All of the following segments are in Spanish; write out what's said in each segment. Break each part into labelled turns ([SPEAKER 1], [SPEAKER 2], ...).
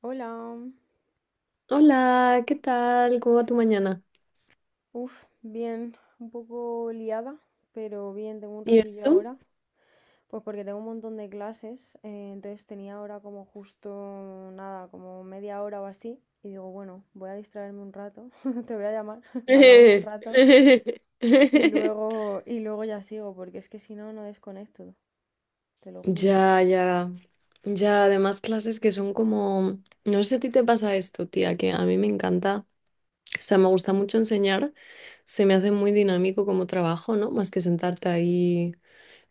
[SPEAKER 1] Hola,
[SPEAKER 2] Hola, ¿qué tal? ¿Cómo va tu mañana?
[SPEAKER 1] uff, bien, un poco liada, pero bien, tengo un
[SPEAKER 2] ¿Y
[SPEAKER 1] ratillo
[SPEAKER 2] eso?
[SPEAKER 1] ahora, pues porque tengo un montón de clases, entonces tenía ahora como justo nada, como media hora o así, y digo, bueno, voy a distraerme un rato, te voy a llamar, hablamos un rato, y luego, y luego ya sigo, porque es que si no, no desconecto, te lo juro.
[SPEAKER 2] Ya, ya, ya, además clases que son como, no sé si a ti te pasa esto, tía, que a mí me encanta, o sea, me gusta mucho enseñar, se me hace muy dinámico como trabajo, ¿no? Más que sentarte ahí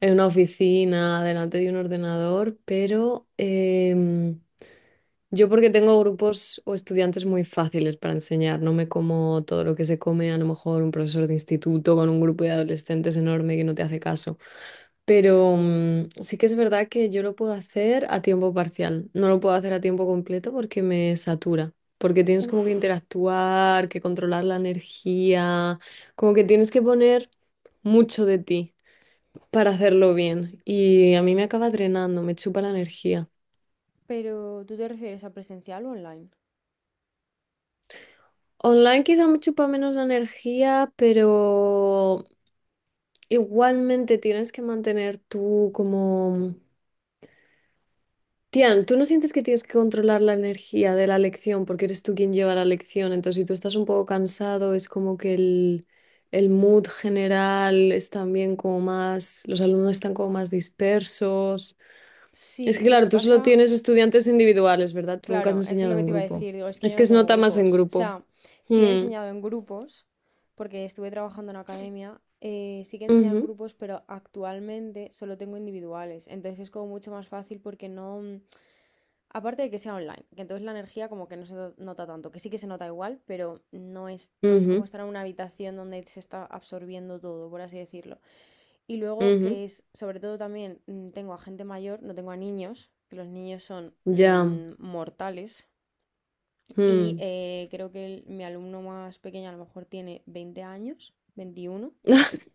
[SPEAKER 2] en una oficina, delante de un ordenador, pero yo porque tengo grupos o estudiantes muy fáciles para enseñar, no me como todo lo que se come a lo mejor un profesor de instituto con un grupo de adolescentes enorme que no te hace caso. Pero sí que es verdad que yo lo puedo hacer a tiempo parcial, no lo puedo hacer a tiempo completo porque me satura, porque tienes como que
[SPEAKER 1] Uff,
[SPEAKER 2] interactuar, que controlar la energía, como que tienes que poner mucho de ti para hacerlo bien y a mí me acaba drenando, me chupa la energía.
[SPEAKER 1] pero ¿tú te refieres a presencial o online?
[SPEAKER 2] Online quizá me chupa menos energía, pero igualmente tienes que mantener tú como... Tian, tú no sientes que tienes que controlar la energía de la lección porque eres tú quien lleva la lección. Entonces, si tú estás un poco cansado, es como que el mood general es también como más... Los alumnos están como más dispersos. Es
[SPEAKER 1] Sí,
[SPEAKER 2] que
[SPEAKER 1] lo que
[SPEAKER 2] claro, tú solo
[SPEAKER 1] pasa.
[SPEAKER 2] tienes estudiantes individuales, ¿verdad? Tú nunca has
[SPEAKER 1] Claro, es que
[SPEAKER 2] enseñado
[SPEAKER 1] lo que
[SPEAKER 2] en
[SPEAKER 1] te iba a
[SPEAKER 2] grupo.
[SPEAKER 1] decir, digo, es que
[SPEAKER 2] Es
[SPEAKER 1] yo
[SPEAKER 2] que
[SPEAKER 1] no
[SPEAKER 2] se
[SPEAKER 1] tengo
[SPEAKER 2] nota más en
[SPEAKER 1] grupos. O
[SPEAKER 2] grupo.
[SPEAKER 1] sea, sí he
[SPEAKER 2] Hmm,
[SPEAKER 1] enseñado en grupos, porque estuve trabajando en academia, sí que he enseñado en
[SPEAKER 2] ujú,
[SPEAKER 1] grupos, pero actualmente solo tengo individuales. Entonces es como mucho más fácil porque no... Aparte de que sea online, que entonces la energía como que no se nota tanto, que sí que se nota igual, pero no es
[SPEAKER 2] ujú,
[SPEAKER 1] como estar en una habitación donde se está absorbiendo todo, por así decirlo. Y luego
[SPEAKER 2] ujú.
[SPEAKER 1] que es, sobre todo también, tengo a gente mayor, no tengo a niños, que los niños son
[SPEAKER 2] Ya.
[SPEAKER 1] mortales. Y
[SPEAKER 2] Mm.
[SPEAKER 1] creo que mi alumno más pequeño a lo mejor tiene 20 años, 21.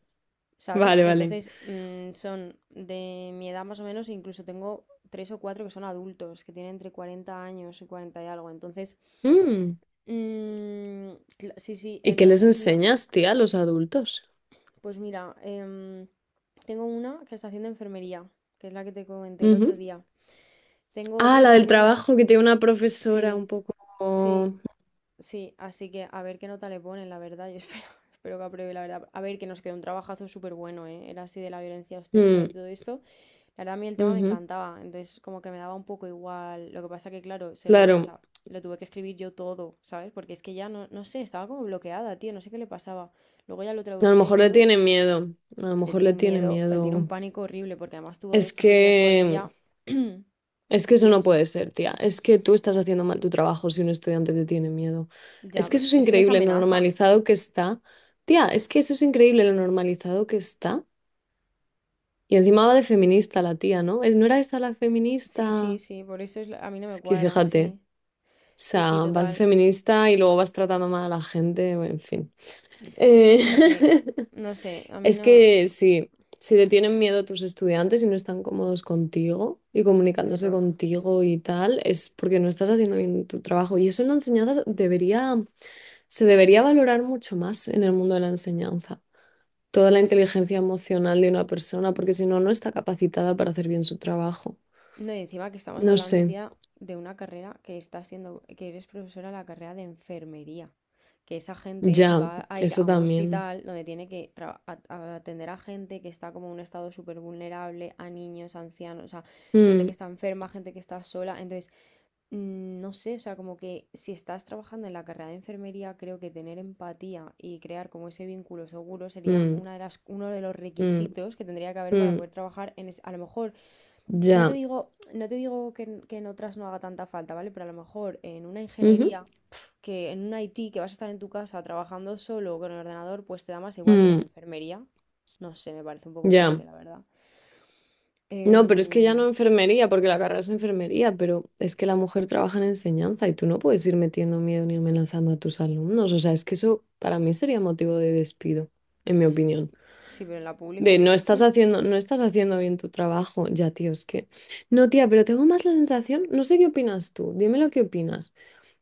[SPEAKER 1] ¿Sabes?
[SPEAKER 2] Vale, vale.
[SPEAKER 1] Entonces son de mi edad más o menos, incluso tengo tres o cuatro que son adultos, que tienen entre 40 años y 40 y algo. Entonces,
[SPEAKER 2] Mm.
[SPEAKER 1] mm, sí, sí,
[SPEAKER 2] ¿Y qué les
[SPEAKER 1] entonces no,
[SPEAKER 2] enseñas, tía, a los adultos?
[SPEAKER 1] pues mira, tengo una que está haciendo enfermería, que es la que te comenté el otro
[SPEAKER 2] Ujú.
[SPEAKER 1] día. Tengo
[SPEAKER 2] Ah,
[SPEAKER 1] otro que
[SPEAKER 2] la
[SPEAKER 1] está
[SPEAKER 2] del
[SPEAKER 1] haciendo,
[SPEAKER 2] trabajo, que tiene una profesora
[SPEAKER 1] sí,
[SPEAKER 2] un poco...
[SPEAKER 1] sí. Sí, así que a ver qué nota le ponen, la verdad. Yo espero, espero que apruebe, la verdad. A ver, que nos quedó un trabajazo súper bueno, ¿eh? Era así de la violencia obstétrica
[SPEAKER 2] Mm,
[SPEAKER 1] y todo esto. La verdad, a mí el tema me
[SPEAKER 2] ujú.
[SPEAKER 1] encantaba, entonces como que me daba un poco igual. Lo que pasa que, claro, se lo, o
[SPEAKER 2] Claro,
[SPEAKER 1] sea, lo tuve que escribir yo todo, ¿sabes? Porque es que ya no, no sé, estaba como bloqueada, tío, no sé qué le pasaba. Luego ya lo
[SPEAKER 2] a lo
[SPEAKER 1] traducía y
[SPEAKER 2] mejor le
[SPEAKER 1] todo.
[SPEAKER 2] tiene miedo, a lo
[SPEAKER 1] Le
[SPEAKER 2] mejor
[SPEAKER 1] tiene
[SPEAKER 2] le
[SPEAKER 1] un
[SPEAKER 2] tiene
[SPEAKER 1] miedo, él tiene un
[SPEAKER 2] miedo.
[SPEAKER 1] pánico horrible, porque además tuvo dos
[SPEAKER 2] Es
[SPEAKER 1] tutorías con
[SPEAKER 2] que,
[SPEAKER 1] ella.
[SPEAKER 2] es que eso
[SPEAKER 1] Tuvo
[SPEAKER 2] no
[SPEAKER 1] dos...
[SPEAKER 2] puede ser, tía. Es que tú estás haciendo mal tu trabajo si un estudiante te tiene miedo.
[SPEAKER 1] Ya,
[SPEAKER 2] Es que
[SPEAKER 1] pero
[SPEAKER 2] eso es
[SPEAKER 1] es que les
[SPEAKER 2] increíble, lo
[SPEAKER 1] amenaza.
[SPEAKER 2] normalizado que está. Tía, es que eso es increíble, lo normalizado que está. Y encima va de feminista la tía, ¿no? ¿No era esa la
[SPEAKER 1] Sí, sí,
[SPEAKER 2] feminista?
[SPEAKER 1] sí, por eso es a mí no me
[SPEAKER 2] Es que
[SPEAKER 1] cuadra,
[SPEAKER 2] fíjate,
[SPEAKER 1] sí.
[SPEAKER 2] o
[SPEAKER 1] Sí,
[SPEAKER 2] sea,
[SPEAKER 1] sí,
[SPEAKER 2] vas
[SPEAKER 1] total.
[SPEAKER 2] feminista y luego vas tratando mal a la gente, bueno, en fin. Eh,
[SPEAKER 1] Sí, sí. No sé, a mí
[SPEAKER 2] es
[SPEAKER 1] no.
[SPEAKER 2] que sí, si te tienen miedo tus estudiantes y no están cómodos contigo y
[SPEAKER 1] Qué
[SPEAKER 2] comunicándose
[SPEAKER 1] horror.
[SPEAKER 2] contigo y tal, es porque no estás haciendo bien tu trabajo. Y eso en la enseñanza se debería valorar mucho más en el mundo de la enseñanza. Toda la inteligencia emocional de una persona, porque si no, no está capacitada para hacer bien su trabajo.
[SPEAKER 1] No, y encima que estamos
[SPEAKER 2] No
[SPEAKER 1] hablando,
[SPEAKER 2] sé,
[SPEAKER 1] tía, de una carrera que está siendo, que eres profesora de la carrera de enfermería. Que esa gente
[SPEAKER 2] ya,
[SPEAKER 1] va a ir
[SPEAKER 2] eso
[SPEAKER 1] a un
[SPEAKER 2] también.
[SPEAKER 1] hospital donde tiene que atender a gente que está como en un estado súper vulnerable, a niños, ancianos, o sea, gente
[SPEAKER 2] Mm,
[SPEAKER 1] que está enferma, gente que está sola. Entonces, no sé, o sea, como que si estás trabajando en la carrera de enfermería, creo que tener empatía y crear como ese vínculo seguro sería
[SPEAKER 2] mm,
[SPEAKER 1] una de las, uno de los
[SPEAKER 2] mm,
[SPEAKER 1] requisitos que tendría que haber para
[SPEAKER 2] mm,
[SPEAKER 1] poder trabajar en a lo mejor, no te
[SPEAKER 2] ya.
[SPEAKER 1] digo, no te digo que en que en otras no haga tanta falta, ¿vale? Pero a lo mejor en una
[SPEAKER 2] Ujú,
[SPEAKER 1] ingeniería, pf, que en un IT que vas a estar en tu casa trabajando solo con el ordenador, pues te da más igual, pero en
[SPEAKER 2] mm,
[SPEAKER 1] enfermería, no sé, me parece un poco fuerte,
[SPEAKER 2] ya.
[SPEAKER 1] la verdad.
[SPEAKER 2] No, pero es que ya no
[SPEAKER 1] Em,
[SPEAKER 2] enfermería, porque la carrera es enfermería, pero es que la mujer trabaja en enseñanza y tú no puedes ir metiendo miedo ni amenazando a tus alumnos. O sea, es que eso para mí sería motivo de despido, en mi opinión.
[SPEAKER 1] sí, pero en la pública.
[SPEAKER 2] De no estás haciendo bien tu trabajo. Ya, tío, es que. No, tía, pero tengo más la sensación, no sé qué opinas tú, dime lo que opinas.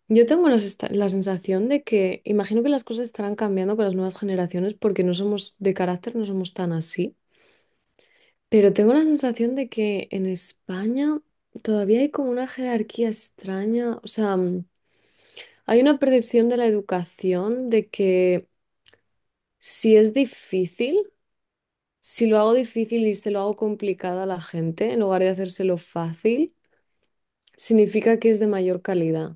[SPEAKER 2] Yo tengo la sensación de que imagino que las cosas estarán cambiando con las nuevas generaciones porque no somos de carácter, no somos tan así, pero tengo la sensación de que en España todavía hay como una jerarquía extraña, o sea, hay una percepción de la educación de que si es difícil, si lo hago difícil y se lo hago complicado a la gente, en lugar de hacérselo fácil, significa que es de mayor calidad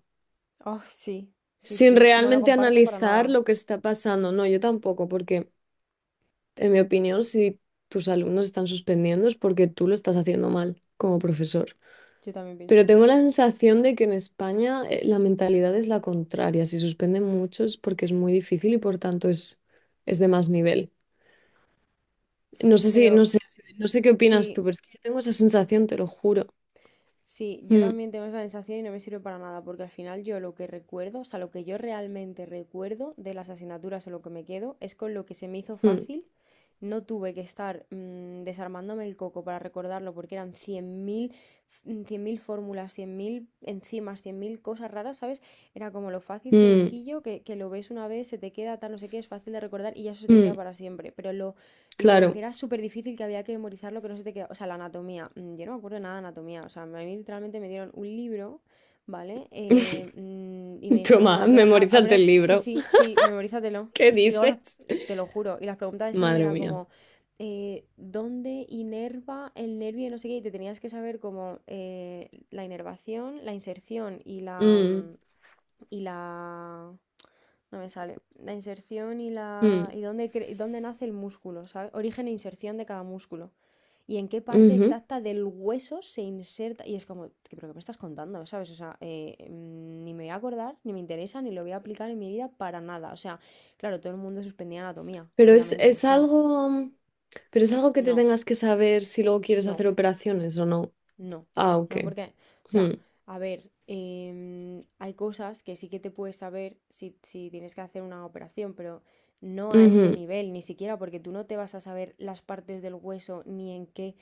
[SPEAKER 1] Oh, sí, sí,
[SPEAKER 2] sin
[SPEAKER 1] sí, no lo
[SPEAKER 2] realmente
[SPEAKER 1] comparto para
[SPEAKER 2] analizar
[SPEAKER 1] nada.
[SPEAKER 2] lo que está pasando. No, yo tampoco, porque en mi opinión, si tus alumnos están suspendiendo es porque tú lo estás haciendo mal como profesor.
[SPEAKER 1] Yo también pienso
[SPEAKER 2] Pero
[SPEAKER 1] eso.
[SPEAKER 2] tengo la sensación de que en España la mentalidad es la contraria. Si suspenden muchos es porque es muy difícil y por tanto es de más nivel.
[SPEAKER 1] Pero
[SPEAKER 2] No sé qué opinas tú,
[SPEAKER 1] sí,
[SPEAKER 2] pero es que yo tengo esa sensación, te lo juro.
[SPEAKER 1] sí, yo
[SPEAKER 2] Mm,
[SPEAKER 1] también tengo esa sensación y no me sirve para nada, porque al final yo lo que recuerdo, o sea, lo que yo realmente recuerdo de las asignaturas o lo que me quedo, es con lo que se me hizo
[SPEAKER 2] mm,
[SPEAKER 1] fácil. No tuve que estar desarmándome el coco para recordarlo, porque eran 100.000 fórmulas, 100.000 enzimas, 100.000 cosas raras, ¿sabes? Era como lo fácil,
[SPEAKER 2] mm,
[SPEAKER 1] sencillo, que lo ves una vez, se te queda, tal, no sé qué, es fácil de recordar y ya eso se te queda
[SPEAKER 2] mm.
[SPEAKER 1] para siempre. Pero lo que
[SPEAKER 2] Claro.
[SPEAKER 1] era súper difícil, que había que memorizar lo que no se te quedaba. O sea, la anatomía. Yo no me acuerdo nada de anatomía. O sea, a mí literalmente me dieron un libro, ¿vale? Y me dijeron, bueno,
[SPEAKER 2] Toma,
[SPEAKER 1] aprende,
[SPEAKER 2] memorízate el
[SPEAKER 1] sí,
[SPEAKER 2] libro.
[SPEAKER 1] sí, sí, memorízatelo.
[SPEAKER 2] ¿Qué
[SPEAKER 1] Y luego,
[SPEAKER 2] dices?
[SPEAKER 1] te lo juro, y las preguntas de examen
[SPEAKER 2] Madre
[SPEAKER 1] era
[SPEAKER 2] mía.
[SPEAKER 1] como, ¿dónde inerva el nervio? Y no sé qué. Y te tenías que saber como la inervación, la inserción y la...
[SPEAKER 2] Mm,
[SPEAKER 1] mm, Y la... No me sale. La inserción y la.
[SPEAKER 2] mm,
[SPEAKER 1] Y dónde, y dónde nace el músculo, ¿sabes? Origen e inserción de cada músculo. Y en qué parte
[SPEAKER 2] ujú.
[SPEAKER 1] exacta del hueso se inserta. Y es como, ¿pero qué me estás contando? ¿Sabes? O sea, ni me voy a acordar, ni me interesa, ni lo voy a aplicar en mi vida para nada. O sea, claro, todo el mundo suspendía anatomía, obviamente,
[SPEAKER 2] Es
[SPEAKER 1] ¿sabes?
[SPEAKER 2] algo. Pero es algo que te
[SPEAKER 1] No,
[SPEAKER 2] tengas que saber si luego quieres
[SPEAKER 1] no.
[SPEAKER 2] hacer operaciones o no.
[SPEAKER 1] No,
[SPEAKER 2] Ah, ok.
[SPEAKER 1] no porque, o
[SPEAKER 2] Hmm.
[SPEAKER 1] sea, a ver, hay cosas que sí que te puedes saber si tienes que hacer una operación, pero no a ese
[SPEAKER 2] Ujú.
[SPEAKER 1] nivel, ni siquiera porque tú no te vas a saber las partes del hueso ni en qué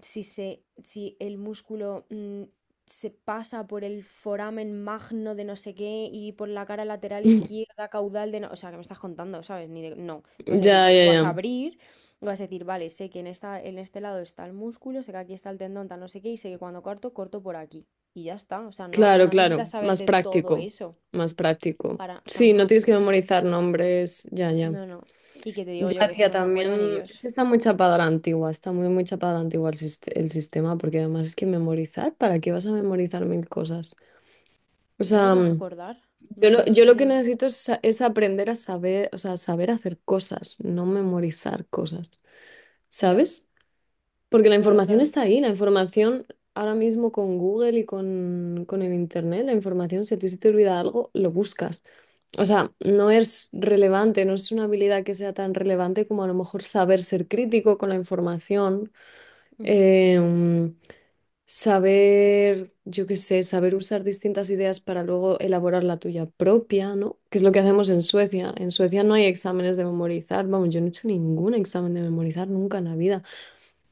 [SPEAKER 1] si el músculo se pasa por el foramen magno de no sé qué y por la cara lateral izquierda, caudal de no... O sea, que me estás contando, ¿sabes? Ni de- No, tú vas a decir,
[SPEAKER 2] Ya,
[SPEAKER 1] tú
[SPEAKER 2] ya,
[SPEAKER 1] vas a
[SPEAKER 2] ya.
[SPEAKER 1] abrir, y vas a decir, vale, sé que en este lado está el músculo, sé que aquí está el tendón, tal no sé qué, y sé que cuando corto, corto por aquí. Y ya está, o sea, no,
[SPEAKER 2] Claro,
[SPEAKER 1] no necesitas
[SPEAKER 2] claro. Más
[SPEAKER 1] saberte todo
[SPEAKER 2] práctico.
[SPEAKER 1] eso
[SPEAKER 2] Más práctico.
[SPEAKER 1] para, o sea,
[SPEAKER 2] Sí, no
[SPEAKER 1] una...
[SPEAKER 2] tienes que memorizar nombres. Ya, ya.
[SPEAKER 1] No, no. Y que te digo yo
[SPEAKER 2] Ya,
[SPEAKER 1] que eso
[SPEAKER 2] tía,
[SPEAKER 1] no se
[SPEAKER 2] también.
[SPEAKER 1] acuerda ni
[SPEAKER 2] Es
[SPEAKER 1] Dios.
[SPEAKER 2] que está muy chapada a la antigua. Está muy, muy chapada a la antigua el sistema. Porque además es que memorizar. ¿Para qué vas a memorizar mil cosas? O
[SPEAKER 1] Si luego no
[SPEAKER 2] sea,
[SPEAKER 1] te vas a
[SPEAKER 2] mm,
[SPEAKER 1] acordar. No, no, es
[SPEAKER 2] yo
[SPEAKER 1] que no
[SPEAKER 2] lo que
[SPEAKER 1] tienes...
[SPEAKER 2] necesito es, es aprender a saber, o sea, saber hacer cosas, no memorizar cosas.
[SPEAKER 1] Ya,
[SPEAKER 2] ¿Sabes? Porque la
[SPEAKER 1] claro,
[SPEAKER 2] información
[SPEAKER 1] claro.
[SPEAKER 2] está ahí, la información ahora mismo con Google y con el Internet, la información, si a ti se te olvida algo, lo buscas. O sea, no es relevante, no es una habilidad que sea tan relevante como a lo mejor saber ser crítico con la información,
[SPEAKER 1] Ujú.
[SPEAKER 2] em, saber, yo qué sé, saber usar distintas ideas para luego elaborar la tuya propia, ¿no? Que es lo que hacemos en Suecia. En Suecia no hay exámenes de memorizar, vamos, yo no he hecho ningún examen de memorizar nunca en la vida.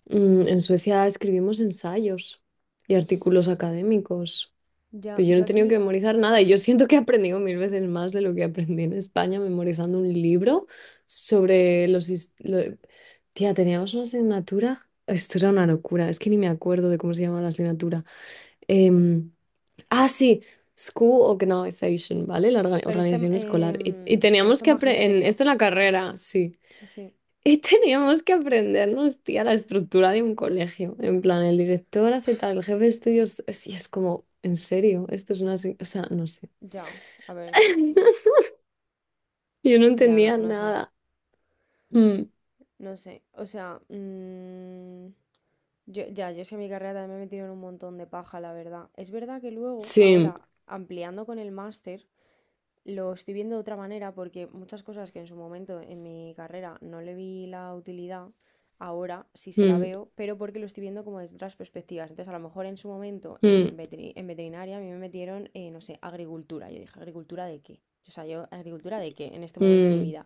[SPEAKER 2] En Suecia escribimos ensayos y artículos académicos,
[SPEAKER 1] Ya,
[SPEAKER 2] pero yo no
[SPEAKER 1] yo
[SPEAKER 2] he tenido que
[SPEAKER 1] aquí,
[SPEAKER 2] memorizar nada y yo siento que he aprendido mil veces más de lo que aprendí en España memorizando un libro sobre tía, teníamos una asignatura. Esto era una locura, es que ni me acuerdo de cómo se llama la asignatura. Em, ah, sí, School Organization, ¿vale? La
[SPEAKER 1] pero
[SPEAKER 2] organización escolar. Y teníamos
[SPEAKER 1] esto es
[SPEAKER 2] que aprender...
[SPEAKER 1] magisterio,
[SPEAKER 2] Esto en la carrera, sí.
[SPEAKER 1] sí,
[SPEAKER 2] Y teníamos que aprendernos, tía, la estructura de un colegio. En plan, el director hace tal, el jefe de estudios. Y es como, en serio, esto es una. Se- o sea, no sé.
[SPEAKER 1] ya, a ver, no,
[SPEAKER 2] Yo no
[SPEAKER 1] ya, no,
[SPEAKER 2] entendía
[SPEAKER 1] no sé,
[SPEAKER 2] nada. Mm,
[SPEAKER 1] no sé, o sea, yo, ya, yo es que mi carrera también me he metido en un montón de paja, la verdad. Es verdad que luego,
[SPEAKER 2] sí.
[SPEAKER 1] ahora, ampliando con el máster, lo estoy viendo de otra manera porque muchas cosas que en su momento en mi carrera no le vi la utilidad, ahora sí se la
[SPEAKER 2] Mm,
[SPEAKER 1] veo, pero porque lo estoy viendo como desde otras perspectivas. Entonces, a lo mejor en su momento
[SPEAKER 2] mm,
[SPEAKER 1] en en veterinaria a mí me metieron, no sé, agricultura. Yo dije, ¿agricultura de qué? O sea, yo, ¿agricultura de qué en este momento de mi
[SPEAKER 2] mm,
[SPEAKER 1] vida?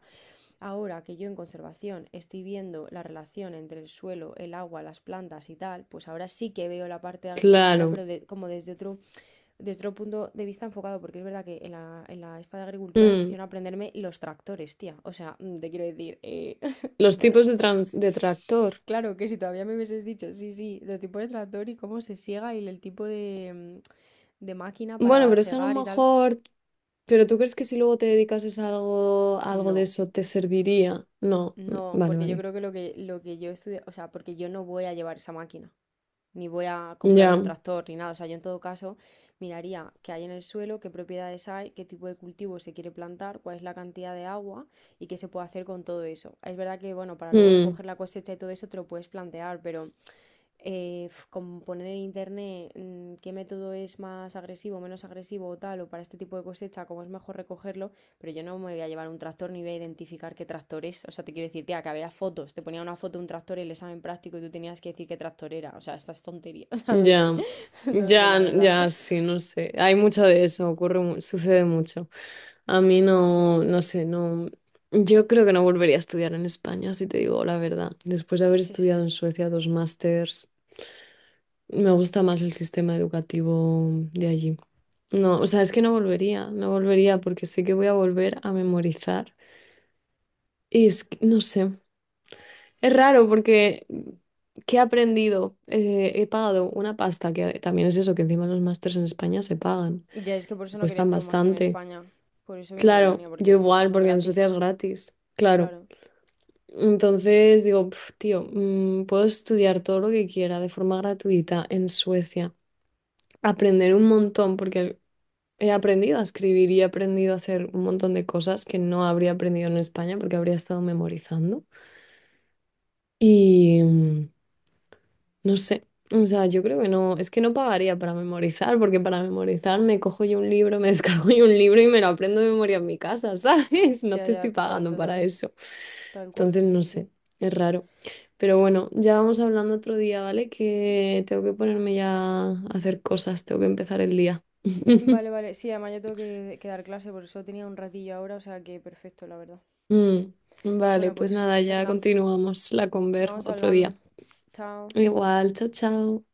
[SPEAKER 1] Ahora que yo en conservación estoy viendo la relación entre el suelo, el agua, las plantas y tal, pues ahora sí que veo la parte de agricultura,
[SPEAKER 2] claro.
[SPEAKER 1] pero como desde otro, desde otro punto de vista enfocado, porque es verdad que en la esta de agricultura me
[SPEAKER 2] Mm,
[SPEAKER 1] hicieron aprenderme los tractores, tía. O sea, te quiero decir,
[SPEAKER 2] los
[SPEAKER 1] bueno,
[SPEAKER 2] tipos de,
[SPEAKER 1] pues
[SPEAKER 2] de tractor.
[SPEAKER 1] claro que si todavía me hubieses dicho, sí, sí, los tipos de tractor y cómo se siega y el tipo de, de máquina
[SPEAKER 2] Bueno,
[SPEAKER 1] para
[SPEAKER 2] pero eso a lo
[SPEAKER 1] segar y tal,
[SPEAKER 2] mejor. ¿Pero tú crees que si luego te dedicases a algo de
[SPEAKER 1] no,
[SPEAKER 2] eso te serviría? No. Mm,
[SPEAKER 1] no,
[SPEAKER 2] vale,
[SPEAKER 1] porque yo
[SPEAKER 2] vale.
[SPEAKER 1] creo que lo que, lo que yo estudié, o sea, porque yo no voy a llevar esa máquina, ni voy a comprarme un
[SPEAKER 2] Ya.
[SPEAKER 1] tractor ni nada. O sea, yo en todo caso miraría qué hay en el suelo, qué propiedades hay, qué tipo de cultivo se quiere plantar, cuál es la cantidad de agua y qué se puede hacer con todo eso. Es verdad que, bueno, para luego
[SPEAKER 2] Mm.
[SPEAKER 1] recoger la cosecha y todo eso te lo puedes plantear, pero como poner en internet qué método es más agresivo, menos agresivo o tal, o para este tipo de cosecha, cómo es mejor recogerlo, pero yo no me voy a llevar un tractor ni voy a identificar qué tractor es. O sea, te quiero decir, tía, que había fotos, te ponía una foto de un tractor en el examen práctico y tú tenías que decir qué tractor era. O sea, estas tonterías, o sea, no sé,
[SPEAKER 2] Ya,
[SPEAKER 1] no sé, la verdad.
[SPEAKER 2] ya, sí, no sé. Hay mucho de eso, sucede mucho. A mí no,
[SPEAKER 1] Así,
[SPEAKER 2] no sé, no. Yo creo que no volvería a estudiar en España, si te digo la verdad. Después de
[SPEAKER 1] es
[SPEAKER 2] haber
[SPEAKER 1] que es...
[SPEAKER 2] estudiado en Suecia dos másters, me gusta más el sistema educativo de allí. No, o sea, es que no volvería porque sé que voy a volver a memorizar. Y es que, no sé, es raro porque ¿qué he aprendido? He pagado una pasta, que también es eso, que encima los másters en España se pagan,
[SPEAKER 1] Ya es que por
[SPEAKER 2] que
[SPEAKER 1] eso no quería
[SPEAKER 2] cuestan
[SPEAKER 1] hacer un máster en
[SPEAKER 2] bastante.
[SPEAKER 1] España, por eso vine a
[SPEAKER 2] Claro,
[SPEAKER 1] Alemania,
[SPEAKER 2] yo
[SPEAKER 1] porque
[SPEAKER 2] igual,
[SPEAKER 1] son
[SPEAKER 2] porque en
[SPEAKER 1] gratis,
[SPEAKER 2] Suecia es gratis. Claro.
[SPEAKER 1] claro.
[SPEAKER 2] Entonces digo, "Pf, puedo estudiar todo lo que quiera de forma gratuita en Suecia. Aprender un montón, porque he aprendido a escribir y he aprendido a hacer un montón de cosas que no habría aprendido en España porque habría estado memorizando. Y, no sé, o sea, yo creo que no, es que no pagaría para memorizar, porque para memorizar me cojo yo un libro, me descargo yo un libro y me lo aprendo de memoria en mi casa, ¿sabes? No
[SPEAKER 1] Ya,
[SPEAKER 2] te estoy
[SPEAKER 1] ya, total,
[SPEAKER 2] pagando para
[SPEAKER 1] total.
[SPEAKER 2] eso.
[SPEAKER 1] Tal cual,
[SPEAKER 2] Entonces,
[SPEAKER 1] sí,
[SPEAKER 2] no
[SPEAKER 1] sí.
[SPEAKER 2] sé, es raro. Pero bueno, ya vamos hablando otro día, ¿vale? Que tengo que ponerme ya a hacer cosas, tengo que empezar el día.
[SPEAKER 1] Vale, vale. Sí, además yo tengo que dar clase, por eso tenía un ratillo ahora, o sea que perfecto, la verdad.
[SPEAKER 2] Mm, vale,
[SPEAKER 1] Bueno,
[SPEAKER 2] pues
[SPEAKER 1] pues
[SPEAKER 2] nada, ya
[SPEAKER 1] venga,
[SPEAKER 2] continuamos la conver
[SPEAKER 1] vamos
[SPEAKER 2] otro
[SPEAKER 1] hablando.
[SPEAKER 2] día.
[SPEAKER 1] Chao.
[SPEAKER 2] Igual, chao, chao.